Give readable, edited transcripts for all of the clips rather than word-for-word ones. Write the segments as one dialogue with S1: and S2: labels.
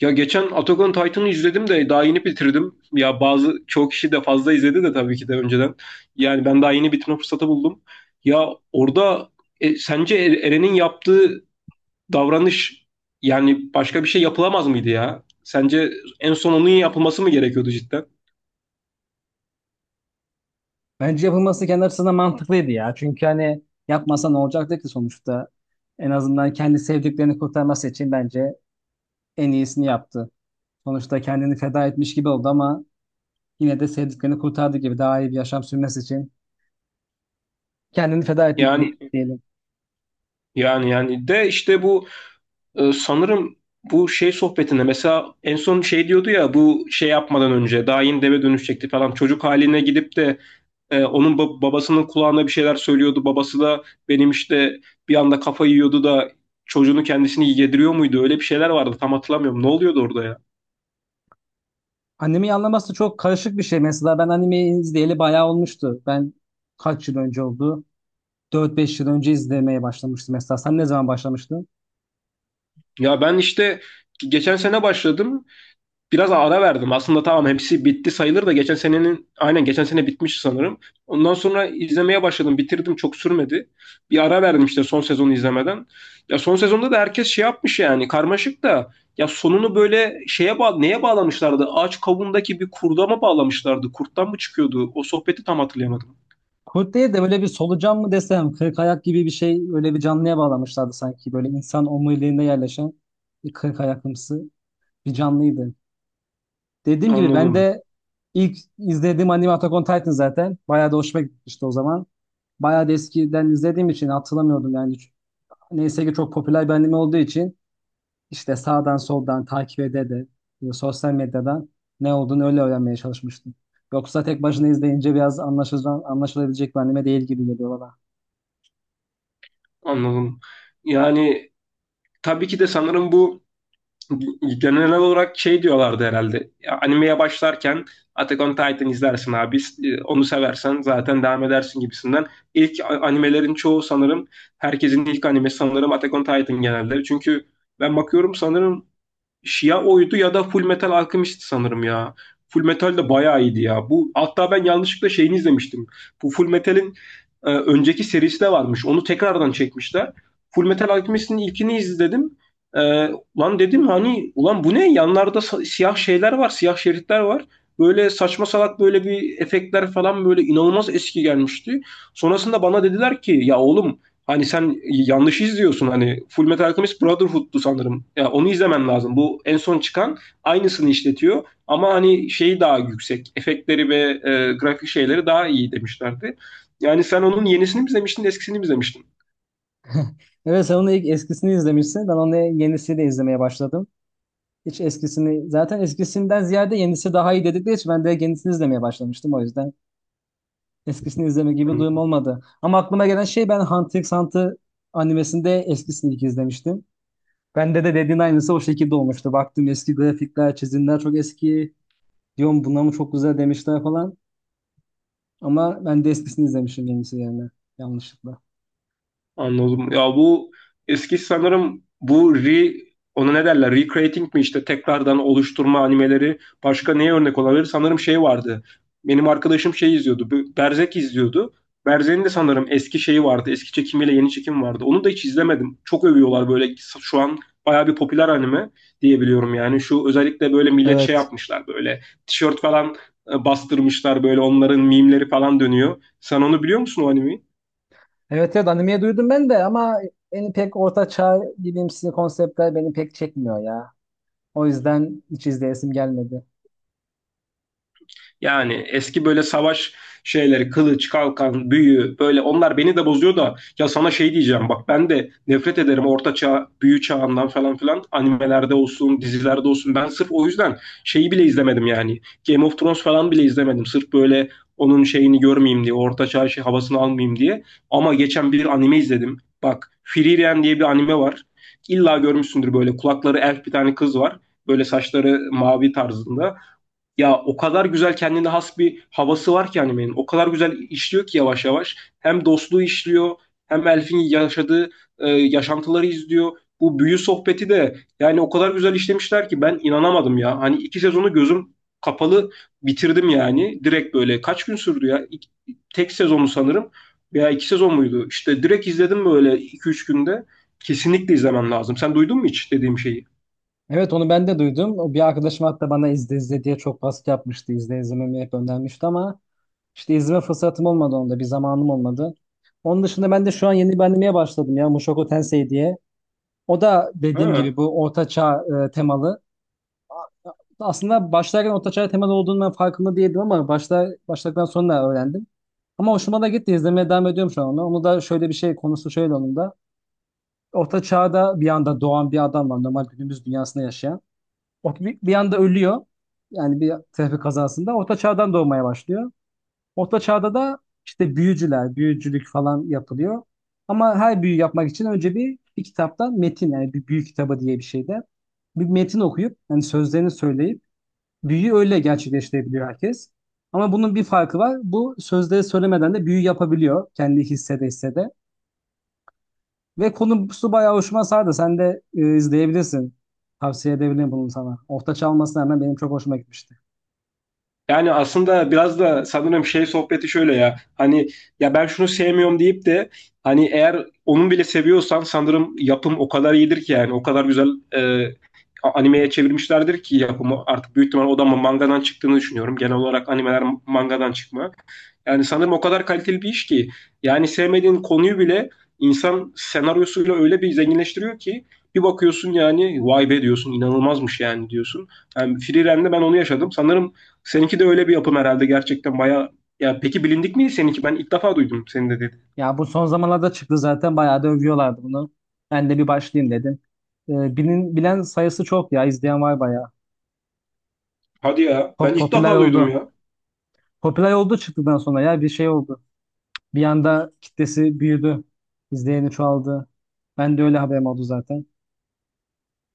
S1: Ya geçen Attack on Titan'ı izledim de daha yeni bitirdim. Ya çoğu kişi de fazla izledi de tabii ki de önceden. Yani ben daha yeni bitirme fırsatı buldum. Ya orada sence Eren'in yaptığı davranış yani başka bir şey yapılamaz mıydı ya? Sence en son onun yapılması mı gerekiyordu cidden?
S2: Bence yapılması kendi açısından mantıklıydı ya. Çünkü hani yapmasa ne olacaktı ki sonuçta? En azından kendi sevdiklerini kurtarması için bence en iyisini yaptı. Sonuçta kendini feda etmiş gibi oldu ama yine de sevdiklerini kurtardı gibi daha iyi bir yaşam sürmesi için kendini feda etti
S1: Yani
S2: diyelim.
S1: yani de işte bu, sanırım bu şey sohbetinde mesela en son şey diyordu ya, bu şey yapmadan önce daha yeni deve dönüşecekti falan çocuk haline gidip de. Onun babasının kulağına bir şeyler söylüyordu. Babası da benim işte bir anda kafayı yiyordu da, çocuğunu kendisini yediriyor muydu? Öyle bir şeyler vardı. Tam hatırlamıyorum. Ne oluyordu orada ya?
S2: Animeyi anlaması çok karışık bir şey. Mesela ben animeyi izleyeli bayağı olmuştu. Ben kaç yıl önce oldu? 4-5 yıl önce izlemeye başlamıştım mesela. Sen ne zaman başlamıştın?
S1: Ya ben işte geçen sene başladım. Biraz ara verdim. Aslında tamam hepsi bitti sayılır da, geçen sene bitmiş sanırım. Ondan sonra izlemeye başladım. Bitirdim, çok sürmedi. Bir ara verdim işte son sezonu izlemeden. Ya son sezonda da herkes şey yapmış yani, karmaşık da. Ya sonunu böyle şeye neye bağlamışlardı? Ağaç kabuğundaki bir kurda mı bağlamışlardı? Kurttan mı çıkıyordu? O sohbeti tam hatırlayamadım.
S2: Kurt değil de böyle bir solucan mı desem, kırk ayak gibi bir şey öyle bir canlıya bağlamışlardı sanki. Böyle insan omuriliğinde yerleşen bir kırk ayaklımsı bir canlıydı. Dediğim gibi ben
S1: Anladım.
S2: de ilk izlediğim anime Attack on Titan zaten. Bayağı da hoşuma gitmişti o zaman. Bayağı da eskiden izlediğim için hatırlamıyordum yani. Neyse ki çok popüler bir anime olduğu için işte sağdan soldan takip ede de sosyal medyadan ne olduğunu öyle öğrenmeye çalışmıştım. Yoksa tek başına izleyince biraz anlaşılabilecek bir anime değil gibi geliyor bana.
S1: Anladım. Yani tabii ki de sanırım bu, genel olarak şey diyorlardı herhalde. Animeye başlarken Attack on Titan izlersin abi. Onu seversen zaten devam edersin gibisinden. İlk animelerin çoğu sanırım, herkesin ilk animesi sanırım Attack on Titan genelde. Çünkü ben bakıyorum sanırım, ya oydu ya da Full Metal Alchemist sanırım ya. Full Metal de bayağı iyiydi ya. Bu, hatta ben yanlışlıkla şeyini izlemiştim. Bu Full Metal'in önceki serisi de varmış. Onu tekrardan çekmişler. Full Metal Alchemist'in ilkini izledim. E, Lan dedim hani, ulan bu ne? Yanlarda siyah şeyler var, siyah şeritler var. Böyle saçma salak böyle bir efektler falan, böyle inanılmaz eski gelmişti. Sonrasında bana dediler ki ya oğlum, hani sen yanlış izliyorsun, hani Full Metal Alchemist Brotherhood'du sanırım. Ya yani onu izlemen lazım. Bu en son çıkan, aynısını işletiyor ama hani şeyi daha yüksek. Efektleri ve grafik şeyleri daha iyi demişlerdi. Yani sen onun yenisini mi izlemiştin, eskisini mi izlemiştin?
S2: Evet sen onun ilk eskisini izlemişsin. Ben onu yenisini de izlemeye başladım. Hiç eskisini zaten eskisinden ziyade yenisi daha iyi dedikleri için ben de yenisini izlemeye başlamıştım o yüzden. Eskisini izleme gibi duyum olmadı. Ama aklıma gelen şey ben Hunter x Hunter animesinde eskisini ilk izlemiştim. Bende de dediğin aynısı o şekilde olmuştu. Baktım eski grafikler, çizimler çok eski. Diyorum buna mı çok güzel demişler falan. Ama ben de eskisini izlemişim yenisi yerine yanlışlıkla.
S1: Anladım. Ya bu eski sanırım bu ona ne derler? Recreating mi işte, tekrardan oluşturma animeleri başka neye örnek olabilir? Sanırım şey vardı. Benim arkadaşım şey izliyordu, bu Berserk izliyordu. Berserk'in de sanırım eski şeyi vardı. Eski çekimiyle yeni çekim vardı. Onu da hiç izlemedim. Çok övüyorlar, böyle şu an bayağı bir popüler anime diyebiliyorum yani. Şu özellikle böyle millet şey
S2: Evet.
S1: yapmışlar, böyle tişört falan bastırmışlar, böyle onların mimleri falan dönüyor. Sen onu biliyor musun, o animeyi?
S2: Evet, evet, animeyi duydum ben de ama beni pek orta çağ bilimsi konseptler beni pek çekmiyor ya. O yüzden hiç izleyesim gelmedi.
S1: Yani eski böyle savaş şeyleri, kılıç, kalkan, büyü böyle, onlar beni de bozuyor da. Ya sana şey diyeceğim bak, ben de nefret ederim orta çağ, büyü çağından falan filan, animelerde olsun, dizilerde olsun. Ben sırf o yüzden şeyi bile izlemedim yani. Game of Thrones falan bile izlemedim. Sırf böyle onun şeyini görmeyeyim diye, orta çağ şey, havasını almayayım diye. Ama geçen bir anime izledim. Bak, Frieren diye bir anime var. İlla görmüşsündür, böyle kulakları elf bir tane kız var. Böyle saçları mavi tarzında. Ya o kadar güzel, kendine has bir havası var ki animenin. O kadar güzel işliyor ki yavaş yavaş. Hem dostluğu işliyor, hem Elf'in yaşadığı yaşantıları izliyor. Bu büyü sohbeti de yani o kadar güzel işlemişler ki ben inanamadım ya. Hani iki sezonu gözüm kapalı bitirdim yani. Direkt böyle kaç gün sürdü ya? Tek sezonu sanırım veya iki sezon muydu? İşte direkt izledim, böyle iki üç günde. Kesinlikle izlemen lazım. Sen duydun mu hiç dediğim şeyi?
S2: Evet, onu ben de duydum. O bir arkadaşım hatta bana izle izle diye çok baskı yapmıştı. İzlememi hep önermişti ama işte izleme fırsatım olmadı onda. Bir zamanım olmadı. Onun dışında ben de şu an yeni bir animeye başladım ya Mushoku Tensei diye. O da dediğim
S1: Ha.
S2: gibi bu orta çağ temalı. Aslında başlarken orta çağ temalı olduğunu ben farkında değildim ama başladıktan sonra öğrendim. Ama hoşuma da gitti. İzlemeye devam ediyorum şu an onu. Onu da şöyle bir şey konusu şöyle onun da. Orta çağda bir anda doğan bir adam var. Normal günümüz dünyasında yaşayan. O bir anda ölüyor. Yani bir trafik kazasında. Orta çağdan doğmaya başlıyor. Orta çağda da işte büyücüler, büyücülük falan yapılıyor. Ama her büyü yapmak için önce bir kitaptan metin yani bir büyü kitabı diye bir şeyde bir metin okuyup yani sözlerini söyleyip büyüyü öyle gerçekleştirebiliyor herkes. Ama bunun bir farkı var. Bu sözleri söylemeden de büyü yapabiliyor. Kendi hissede hissede. Ve konusu bayağı hoşuma sardı. Sen de izleyebilirsin. Tavsiye edebilirim bunu sana. Orta çalmasına hemen benim çok hoşuma gitmişti.
S1: Yani aslında biraz da sanırım şey sohbeti şöyle ya. Hani ya ben şunu sevmiyorum deyip de, hani eğer onun bile seviyorsan sanırım yapım o kadar iyidir ki, yani o kadar güzel e, animeye çevirmişlerdir ki yapımı, artık büyük ihtimal o da mangadan çıktığını düşünüyorum. Genel olarak animeler mangadan çıkma. Yani sanırım o kadar kaliteli bir iş ki, yani sevmediğin konuyu bile insan senaryosuyla öyle bir zenginleştiriyor ki bir bakıyorsun, yani vay be diyorsun, inanılmazmış yani diyorsun. Yani Free Ren'de ben onu yaşadım. Sanırım seninki de öyle bir yapım herhalde gerçekten bayağı. Ya peki, bilindik miydi seninki? Ben ilk defa duydum, senin de dedi.
S2: Ya bu son zamanlarda çıktı zaten. Bayağı da övüyorlardı bunu. Ben de bir başlayayım dedim. Bilen sayısı çok ya. İzleyen var bayağı.
S1: Hadi ya, ben ilk
S2: Popüler
S1: defa duydum
S2: oldu.
S1: ya.
S2: Popüler oldu çıktıktan sonra ya bir şey oldu. Bir anda kitlesi büyüdü. İzleyeni çoğaldı. Ben de öyle haberim oldu zaten.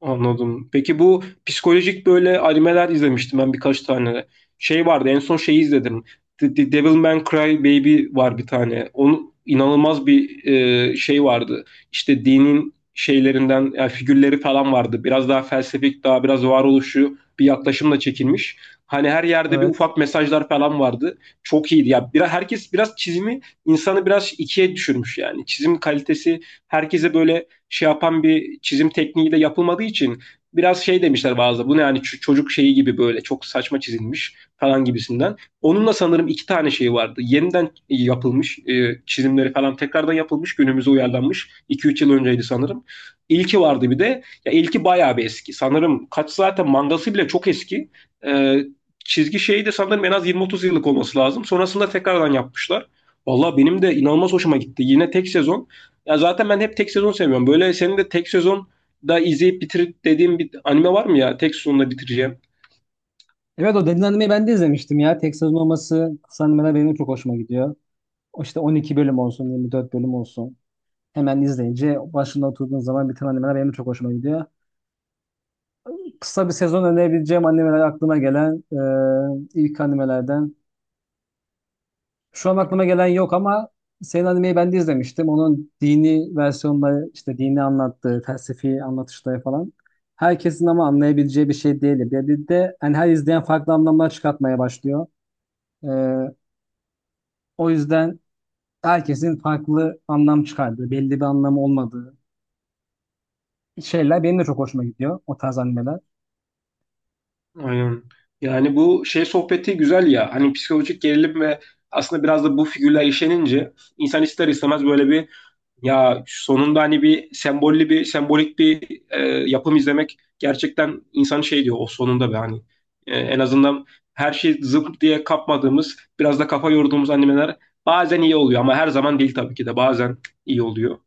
S1: Anladım. Peki bu psikolojik böyle animeler izlemiştim ben birkaç tane. Şey vardı, en son şeyi izledim. The Devil May Cry Baby var bir tane. Onun inanılmaz bir şey vardı. İşte dinin şeylerinden yani, figürleri falan vardı. Biraz daha felsefik, daha biraz varoluşu bir yaklaşımla çekilmiş. Hani her yerde bir
S2: Evet.
S1: ufak mesajlar falan vardı. Çok iyiydi. Ya biraz herkes biraz çizimi, insanı biraz ikiye düşürmüş yani. Çizim kalitesi herkese böyle şey yapan bir çizim tekniği de yapılmadığı için biraz şey demişler bazı. Bu ne yani, çocuk şeyi gibi böyle çok saçma çizilmiş falan gibisinden. Onunla sanırım iki tane şey vardı. Yeniden yapılmış çizimleri falan tekrardan yapılmış, günümüze uyarlanmış. 2-3 yıl önceydi sanırım. İlki vardı bir de. Ya ilki bayağı bir eski. Sanırım kaç zaten, mangası bile çok eski. E, Çizgi şeyi de sanırım en az 20-30 yıllık olması lazım. Sonrasında tekrardan yapmışlar. Valla benim de inanılmaz hoşuma gitti. Yine tek sezon, ya zaten ben hep tek sezon seviyorum. Böyle senin de tek sezon da izleyip bitir dediğim bir anime var mı ya? Tek sezonla bitireceğim.
S2: Evet, o Deniz Anime'yi ben de izlemiştim ya. Tek sezon olması kısa animeler benim çok hoşuma gidiyor. O işte 12 bölüm olsun, 24 bölüm olsun. Hemen izleyince başında oturduğun zaman biten animeler benim çok hoşuma gidiyor. Kısa bir sezon önerebileceğim animeler aklıma gelen ilk animelerden şu an aklıma gelen yok ama senin animeyi ben de izlemiştim. Onun dini versiyonları işte dini anlattığı, felsefi anlatışları falan. Herkesin ama anlayabileceği bir şey değil. Bir de hani her izleyen farklı anlamlar çıkartmaya başlıyor. Ee, O yüzden herkesin farklı anlam çıkardığı, belli bir anlamı olmadığı şeyler benim de çok hoşuma gidiyor o tarz animeler.
S1: Aynen. Yani bu şey sohbeti güzel ya. Hani psikolojik gerilim ve aslında biraz da bu figürler işlenince insan ister istemez böyle bir, ya sonunda hani bir sembolli bir sembolik bir yapım izlemek gerçekten, insan şey diyor o sonunda be hani. En azından her şey zıp diye kapmadığımız, biraz da kafa yorduğumuz animeler bazen iyi oluyor, ama her zaman değil tabii ki de, bazen iyi oluyor.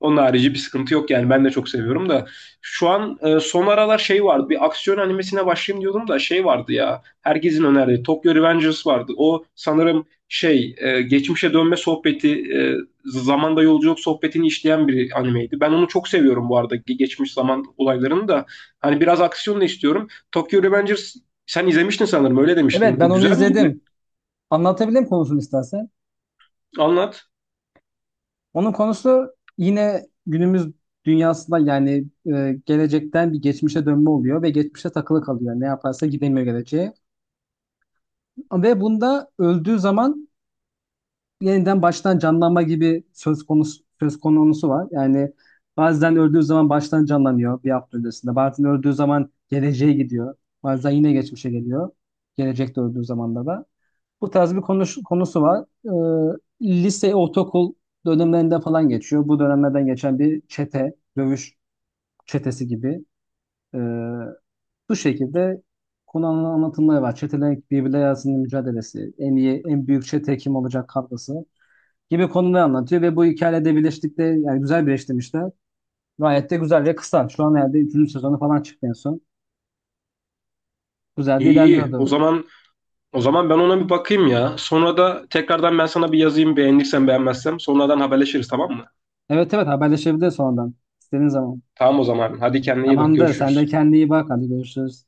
S1: Onun harici bir sıkıntı yok yani, ben de çok seviyorum da şu an son aralar şey vardı, bir aksiyon animesine başlayayım diyordum da. Şey vardı ya, herkesin önerdiği Tokyo Revengers vardı. O sanırım şey, geçmişe dönme sohbeti, zamanda yolculuk sohbetini işleyen bir animeydi. Ben onu çok seviyorum bu arada, geçmiş zaman olaylarını da. Hani biraz aksiyon da istiyorum. Tokyo Revengers sen izlemiştin sanırım, öyle demiştin.
S2: Evet, ben
S1: O
S2: onu
S1: güzel miydi?
S2: izledim. Anlatabilirim konusunu istersen.
S1: Anlat.
S2: Onun konusu yine günümüz dünyasında yani gelecekten bir geçmişe dönme oluyor ve geçmişe takılı kalıyor. Ne yaparsa gidemiyor geleceğe. Ve bunda öldüğü zaman yeniden baştan canlanma gibi söz konusu var. Yani bazen öldüğü zaman baştan canlanıyor bir hafta öncesinde. Bazen öldüğü zaman geleceğe gidiyor. Bazen yine geçmişe geliyor. Gelecekte öldüğü zaman da. Bu tarz bir konusu var. Lise, ortaokul dönemlerinden falan geçiyor. Bu dönemlerden geçen bir çete, dövüş çetesi gibi. Ee, Bu şekilde anlatımları var. Çetelerin birbirleri arasında mücadelesi, en iyi, en büyük çete kim olacak kavgası gibi konuları anlatıyor ve bu hikayede birleştikte yani güzel birleştirmişler. Gayet de güzel ve kısa. Şu an herhalde 3. sezonu falan çıktı en son. Güzel de
S1: İyi, iyi. O
S2: ilerliyordu.
S1: zaman o zaman ben ona bir bakayım ya. Sonra da tekrardan ben sana bir yazayım, beğenirsen beğenmezsem. Sonradan haberleşiriz, tamam mı?
S2: Evet, evet, haberleşebiliriz sonradan. İstediğin zaman.
S1: Tamam o zaman. Hadi kendine iyi bak,
S2: Tamamdır. Sen de
S1: görüşürüz.
S2: kendine iyi bak. Hadi görüşürüz.